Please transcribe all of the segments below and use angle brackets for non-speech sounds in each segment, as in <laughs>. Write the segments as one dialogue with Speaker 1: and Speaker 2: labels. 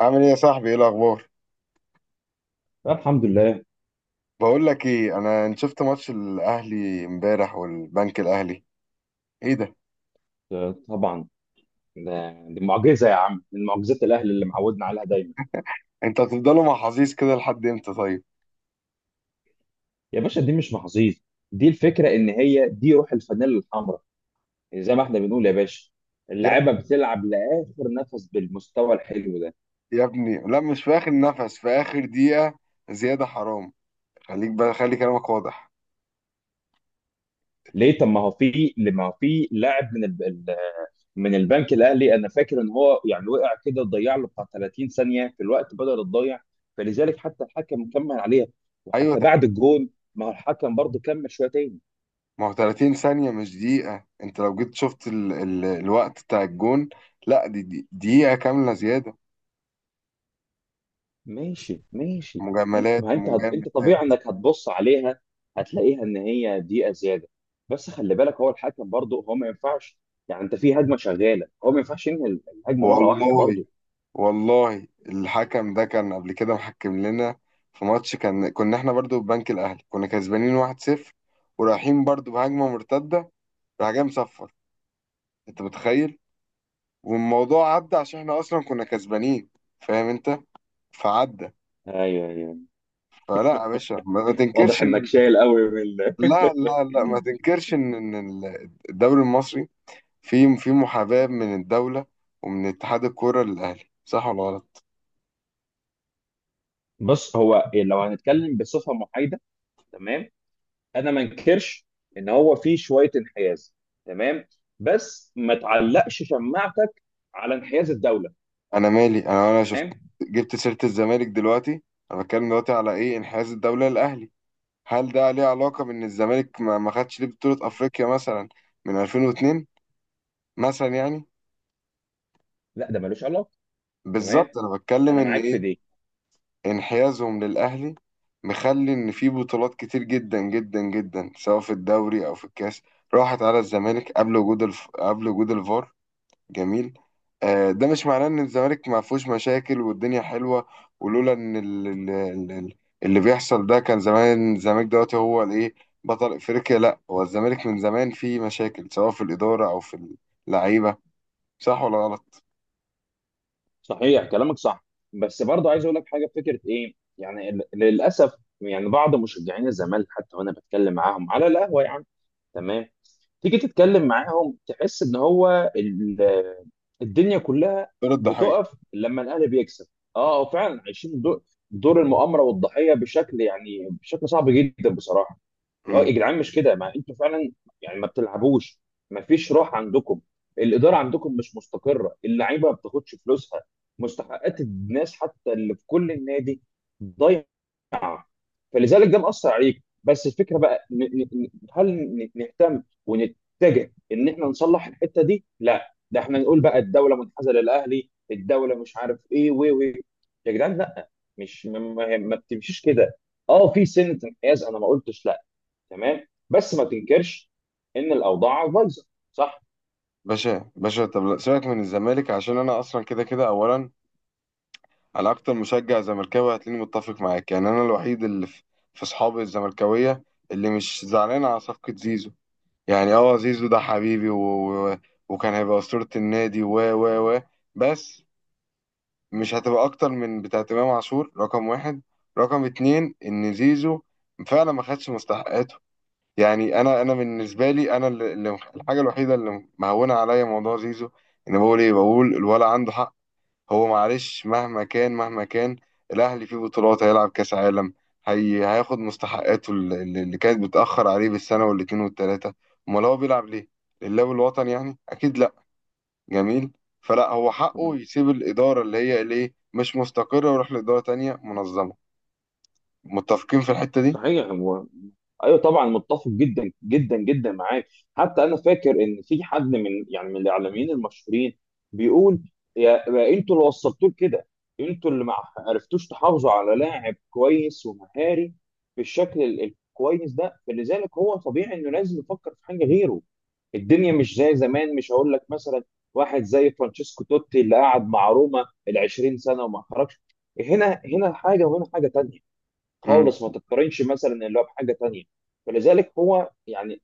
Speaker 1: عامل ايه يا صاحبي؟ ايه الاخبار؟
Speaker 2: الحمد لله.
Speaker 1: بقول لك ايه، انا انت شفت ماتش الاهلي امبارح والبنك الاهلي؟ ايه ده،
Speaker 2: طبعا. دي معجزه يا عم، من معجزات الاهل اللي معودنا عليها دايما.
Speaker 1: انت هتفضلوا مع حظيظ كده لحد امتى طيب؟
Speaker 2: يا باشا، دي مش محظوظ، دي الفكره ان هي دي روح الفانيلا الحمراء. يعني زي ما احنا بنقول يا باشا،
Speaker 1: يا
Speaker 2: اللعيبه
Speaker 1: ابني
Speaker 2: بتلعب لاخر نفس بالمستوى الحلو ده.
Speaker 1: يا ابني، لا مش في اخر نفس، في اخر دقيقة، زيادة حرام. خليك بقى، خلي كلامك واضح.
Speaker 2: ليه؟ طب ما هو في، لما هو في لاعب من البنك الاهلي، انا فاكر ان هو يعني وقع كده، ضيع له بتاع 30 ثانيه في الوقت بدل الضيع. فلذلك حتى الحكم كمل عليها،
Speaker 1: ايوه
Speaker 2: وحتى بعد الجون ما هو الحكم برضه كمل شويه.
Speaker 1: ما هو 30 ثانية مش دقيقة، انت لو جيت شفت الوقت بتاع الجون. لا، دي دقيقة كاملة زيادة.
Speaker 2: ماشي ماشي. انت
Speaker 1: مجاملات
Speaker 2: ما انت هت... انت طبيعي
Speaker 1: مجاملات.
Speaker 2: انك هتبص عليها، هتلاقيها ان هي دقيقه زياده. بس خلي بالك، هو الحكم برضه هو ما ينفعش، يعني انت في هجمه شغاله هو ما ينفعش ينهي الهجمه مره واحده
Speaker 1: والله
Speaker 2: برضه.
Speaker 1: والله الحكم ده كان قبل كده محكم لنا في ماتش، كان كنا احنا برضو ببنك الاهلي، كنا كسبانين 1-0 ورايحين برضو بهجمه مرتده، راح جاي مصفر. انت متخيل؟ والموضوع عدى عشان احنا اصلا كنا كسبانين، فاهم انت؟ فعدى.
Speaker 2: ايوه ايوه،
Speaker 1: فلا يا باشا، ما
Speaker 2: واضح انك شايل قوي
Speaker 1: لا لا لا ما تنكرش إن الدوري المصري فيه في محاباه من الدوله ومن اتحاد الكوره للاهلي، صح ولا غلط؟
Speaker 2: بص هو إيه، لو هنتكلم بصفه محايده، تمام، انا ما انكرش ان هو في شويه انحياز، تمام، بس ما تعلقش شماعتك على انحياز الدوله.
Speaker 1: انا مالي، انا شفت.
Speaker 2: تمام.
Speaker 1: جبت سيرة الزمالك دلوقتي؟ انا بتكلم دلوقتي على ايه، انحياز الدولة للاهلي. هل ده ليه علاقة بان الزمالك ما خدش ليه بطولة افريقيا مثلا من 2002 مثلا يعني؟
Speaker 2: لا ده ملوش علاقه. تمام،
Speaker 1: بالظبط، انا بتكلم
Speaker 2: انا
Speaker 1: ان
Speaker 2: معاك في
Speaker 1: ايه،
Speaker 2: دي.
Speaker 1: انحيازهم للاهلي مخلي ان في بطولات كتير جدا جدا جدا سواء في الدوري او في الكاس راحت على الزمالك قبل وجود قبل وجود الفار. جميل. آه، ده مش معناه ان الزمالك ما فيهوش مشاكل والدنيا حلوه. ولولا ان اللي بيحصل ده كان زمان الزمالك دلوقتي هو الايه، بطل افريقيا. لا، هو الزمالك من زمان فيه مشاكل سواء في الاداره او في اللعيبه، صح ولا غلط؟
Speaker 2: صحيح، كلامك صح. بس برضه عايز اقول لك حاجه، فكره ايه يعني، للاسف يعني بعض مشجعين الزمالك حتى وانا بتكلم معاهم على القهوه، يعني تمام، تيجي تتكلم معاهم تحس ان الدنيا كلها
Speaker 1: دور الضحيه.
Speaker 2: بتقف لما الاهلي بيكسب. اه هو فعلا دور المؤامره والضحيه بشكل، يعني بشكل صعب جدا بصراحه. اه
Speaker 1: امم.
Speaker 2: يا جدعان، مش كده ما انتوا فعلا يعني ما بتلعبوش، ما فيش روح عندكم، الاداره عندكم مش مستقره، اللعيبه ما بتاخدش فلوسها، مستحقات الناس حتى اللي في كل النادي ضايعه. فلذلك ده مأثر عليك. بس الفكره بقى، هل نهتم ونتجه ان احنا نصلح الحته دي؟ لا، ده احنا نقول بقى الدوله منحازه للاهلي، الدوله مش عارف ايه، و يا جدعان لا، مش ما, ما ما بتمشيش كده. اه في سنه انحياز انا ما قلتش لا، تمام، بس ما تنكرش ان الاوضاع بايظه. صح.
Speaker 1: باشا باشا، طب لا، سيبك من الزمالك عشان انا اصلا كده كده. اولا انا اكتر مشجع زملكاوي هتلاقيني متفق معاك، يعني انا الوحيد اللي في في اصحابي الزملكاويه اللي مش زعلان على صفقه زيزو. يعني اه، زيزو ده حبيبي و... وكان هيبقى أسطورة النادي و بس مش هتبقى أكتر من بتاعة إمام عاشور رقم واحد. رقم اتنين، إن زيزو فعلا ما خدش مستحقاته. يعني أنا بالنسبة لي، أنا الحاجة الوحيدة اللي مهونة عليا موضوع زيزو إن بقول إيه، بقول الولا عنده حق. هو معلش، مهما كان مهما كان الاهلي فيه بطولات، هيلعب كاس عالم، هي هياخد مستحقاته اللي كانت بتاخر عليه بالسنه والاتنين والتلاته. امال هو بيلعب ليه؟ لله والوطن يعني؟ اكيد لا. جميل. فلا، هو حقه يسيب الاداره اللي هي ليه مش مستقره ويروح لاداره تانية منظمه. متفقين في الحته دي؟
Speaker 2: صحيح. ايوه طبعا، متفق جدا جدا جدا معاك. حتى انا فاكر ان في حد من يعني من الاعلاميين المشهورين بيقول: يا انتوا اللي وصلتوه لكده، انتوا اللي ما عرفتوش تحافظوا على لاعب كويس ومهاري بالشكل ال- الكويس ده. فلذلك هو طبيعي انه لازم يفكر في حاجه غيره. الدنيا مش زي زمان. مش هقول لك مثلا واحد زي فرانشيسكو توتي اللي قعد مع روما ال 20 سنه وما خرجش. هنا حاجه وهنا حاجه تانيه
Speaker 1: امم.
Speaker 2: خالص، ما تتقارنش مثلا اللي هو بحاجه تانيه. فلذلك هو يعني،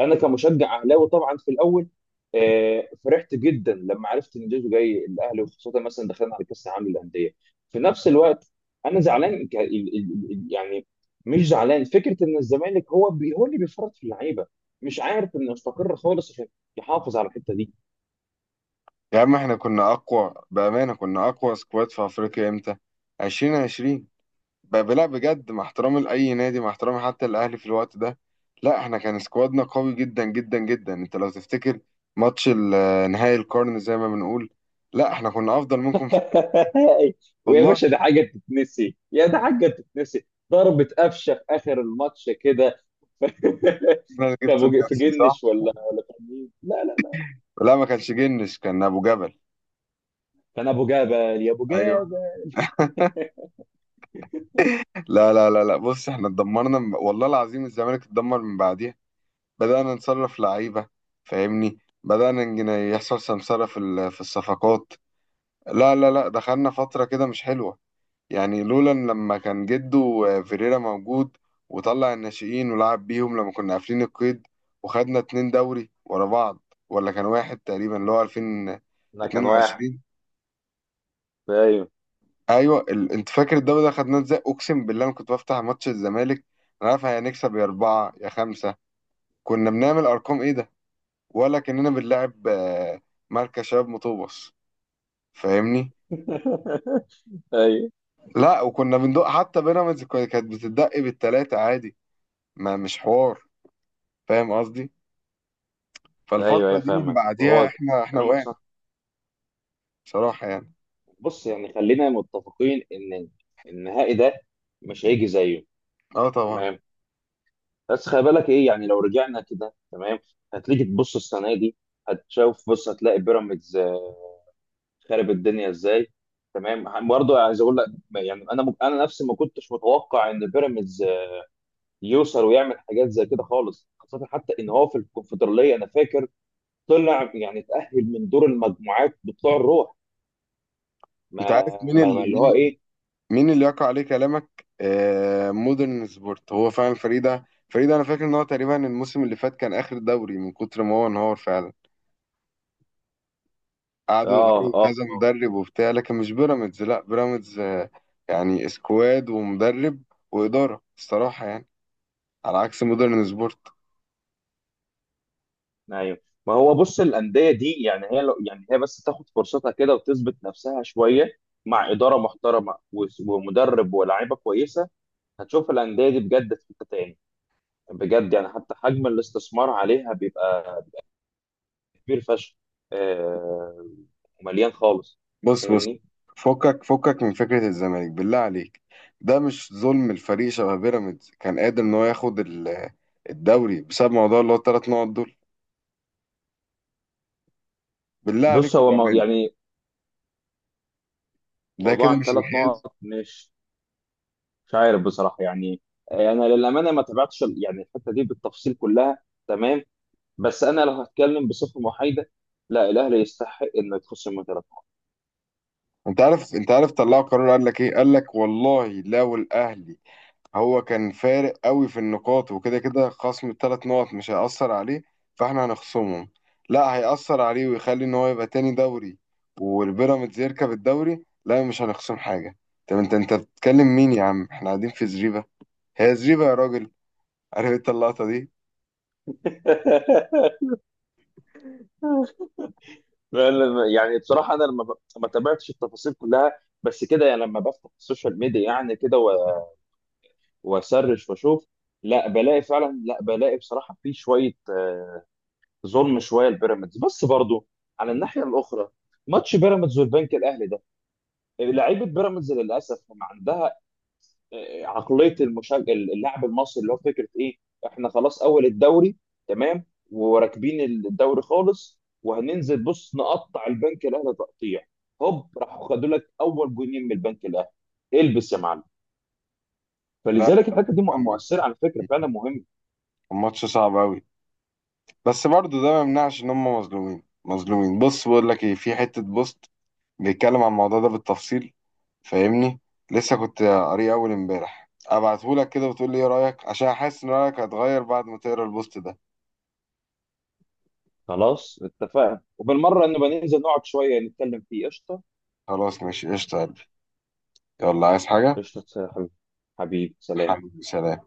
Speaker 2: انا كمشجع اهلاوي طبعا في الاول، فرحت جدا لما عرفت ان جيزو جاي الاهلي، وخاصه مثلا دخلنا على كاس العالم للانديه. في نفس الوقت انا زعلان، يعني مش زعلان فكره ان الزمالك هو بي هو اللي بيفرط في اللعيبه، مش عارف انه يستقر خالص عشان يحافظ على الحته دي.
Speaker 1: يا عم احنا كنا اقوى بامانه، كنا اقوى سكواد في افريقيا امتى، 2020. لا بجد مع احترامي لأي نادي، مع احترامي حتى الأهلي في الوقت ده، لا احنا كان سكوادنا قوي جدا جدا جدا. انت لو تفتكر ماتش آه، نهائي القرن زي ما بنقول، لا احنا كنا أفضل منكم في.
Speaker 2: <laughs> ويا
Speaker 1: والله
Speaker 2: باشا ده حاجه تتنسي؟ يا ده حاجه تتنسي! ضربة قفشه في اخر الماتش كده. <laughs>
Speaker 1: انا اللي جبته
Speaker 2: في
Speaker 1: لنفسي، صح؟
Speaker 2: جنش ولا كان مين؟ لا لا لا،
Speaker 1: لا، ما كانش جنش، كان أبو جبل.
Speaker 2: كان ابو جبل، يا ابو
Speaker 1: ايوه.
Speaker 2: جبل.
Speaker 1: <laughs> لا لا لا لا، بص احنا اتدمرنا والله العظيم الزمالك اتدمر من بعديها. بدأنا نصرف لعيبة، فاهمني؟ بدأنا يحصل سمسرة في في الصفقات. لا لا لا، دخلنا فترة كده مش حلوة. يعني لولا إن لما كان جده آه، فيريرا موجود وطلع الناشئين ولعب بيهم لما كنا قافلين القيد، وخدنا اتنين دوري ورا بعض، ولا كان واحد تقريبا اللي هو
Speaker 2: انا كان واحد.
Speaker 1: 2022.
Speaker 2: ايوه.
Speaker 1: ايوه انت فاكر الدوري ده خدناه ازاي؟ اقسم بالله انا كنت بفتح ماتش الزمالك، انا عارف هنكسب يا اربعه يا خمسه. كنا بنعمل ارقام ايه ده؟ ولا كاننا بنلعب آه، مركز شباب مطوبس، فاهمني؟
Speaker 2: <laughs> ايوه
Speaker 1: لا وكنا بندق، حتى بيراميدز كانت بتدق بالتلاته عادي، ما مش حوار، فاهم قصدي؟
Speaker 2: ايوه، ايوه
Speaker 1: فالفترة دي من
Speaker 2: فاهمك.
Speaker 1: بعديها
Speaker 2: وهو
Speaker 1: احنا
Speaker 2: كلامك
Speaker 1: وقعنا،
Speaker 2: صح.
Speaker 1: بصراحة يعني.
Speaker 2: بص يعني، خلينا متفقين ان النهائي ده مش هيجي زيه.
Speaker 1: اه طبعا.
Speaker 2: تمام. بس خلي بالك ايه يعني، لو رجعنا كده تمام، هتيجي تبص السنه دي هتشوف، بص هتلاقي بيراميدز خرب الدنيا ازاي. تمام، برضه عايز اقول لك يعني، انا نفسي ما كنتش متوقع ان بيراميدز يوصل ويعمل حاجات زي كده خالص، خاصة حتى ان هو في الكونفدرالية انا فاكر طلع يعني اتأهل من دور المجموعات بطلوع الروح.
Speaker 1: انت عارف
Speaker 2: ما,
Speaker 1: مين
Speaker 2: ما, ما
Speaker 1: اللي
Speaker 2: اللي هو
Speaker 1: مين،
Speaker 2: ايه.
Speaker 1: مين اللي يقع عليه كلامك؟ آه، مودرن سبورت، هو فعلا فريدة فريدة. انا فاكر ان هو تقريبا الموسم اللي فات كان اخر دوري من كتر ما هو انهار فعلا،
Speaker 2: اه
Speaker 1: قعدوا يغيروا
Speaker 2: اه
Speaker 1: كذا
Speaker 2: اه.
Speaker 1: مدرب وبتاع. لكن مش بيراميدز، لا بيراميدز آه، يعني سكواد ومدرب وإدارة الصراحة يعني، على عكس مودرن سبورت.
Speaker 2: ايوه. ما هو بص، الأندية دي يعني هي لو يعني، هي بس تاخد فرصتها كده وتثبت نفسها شوية مع إدارة محترمة ومدرب ولاعيبة كويسة، هتشوف الأندية دي بجد في حتة تاني. بجد يعني، حتى حجم الاستثمار عليها بيبقى كبير فشخ، آه، ومليان خالص.
Speaker 1: بص بص،
Speaker 2: فاهمني؟
Speaker 1: فكك فكك من فكرة الزمالك بالله عليك. ده مش ظلم الفريق شبه بيراميدز، كان قادر ان هو ياخد الدوري بسبب موضوع اللي هو الثلاث نقط دول؟ بالله
Speaker 2: بص
Speaker 1: عليكم
Speaker 2: هو مو
Speaker 1: بأمانة،
Speaker 2: يعني،
Speaker 1: ده
Speaker 2: موضوع
Speaker 1: كده مش
Speaker 2: الثلاث
Speaker 1: انحياز؟
Speaker 2: نقط مش، مش عارف بصراحه يعني. انا للامانه ما تابعتش يعني الحته دي بالتفصيل كلها. تمام، بس انا لو هتكلم بصفه محايده، لا الاهلي يستحق انه يتخصم من ثلاث نقط.
Speaker 1: انت عارف، انت عارف طلعوا قرار قال لك ايه، قال لك والله لو الاهلي هو كان فارق قوي في النقاط، وكده كده خصم الثلاث نقط مش هيأثر عليه، فاحنا هنخصمهم. لا، هيأثر عليه ويخلي ان هو يبقى تاني دوري والبيراميدز يركب الدوري، لا مش هنخصم حاجة. طب انت بتتكلم مين يا عم، احنا قاعدين في زريبة، هي زريبة يا راجل. <laughs> عارف انت اللقطة دي؟
Speaker 2: <laughs> فعلا، يعني بصراحه انا ما تابعتش التفاصيل كلها، بس كده يعني لما بفتح السوشيال ميديا يعني كده واسرش واشوف، لا بلاقي فعلا، لا بلاقي بصراحه في شويه، ظلم شويه لبيراميدز. بس برضو على الناحيه الاخرى، ماتش بيراميدز والبنك الاهلي ده، لعيبه بيراميدز للاسف ما عندها عقليه اللاعب المصري، اللي هو فكره ايه: احنا خلاص اول الدوري، تمام، وراكبين الدوري خالص، وهننزل بص نقطع البنك الاهلي تقطيع. هوب، راحوا خدوا لك اول جونين من البنك الاهلي، البس يا معلم.
Speaker 1: لا،
Speaker 2: فلذلك الحته دي
Speaker 1: كان
Speaker 2: مؤثره على فكره، فعلا مهم.
Speaker 1: كان ماتش صعب قوي، بس برضو ده ما يمنعش ان هم مظلومين مظلومين. بص بقول لك ايه، في حتة بوست بيتكلم عن الموضوع ده بالتفصيل، فاهمني؟ لسه كنت قاريه اول امبارح، ابعتهولك كده وتقول لي ايه رايك عشان حاسس ان رايك هتغير بعد ما تقرا البوست ده.
Speaker 2: خلاص اتفقنا، وبالمره نبقى ننزل نقعد شويه نتكلم فيه. قشطه.
Speaker 1: خلاص ماشي، قشطة يا قلبي. يلا، عايز حاجه؟
Speaker 2: قشطة يا حبيبي. حبيبي سلام.
Speaker 1: حبيبي سلام.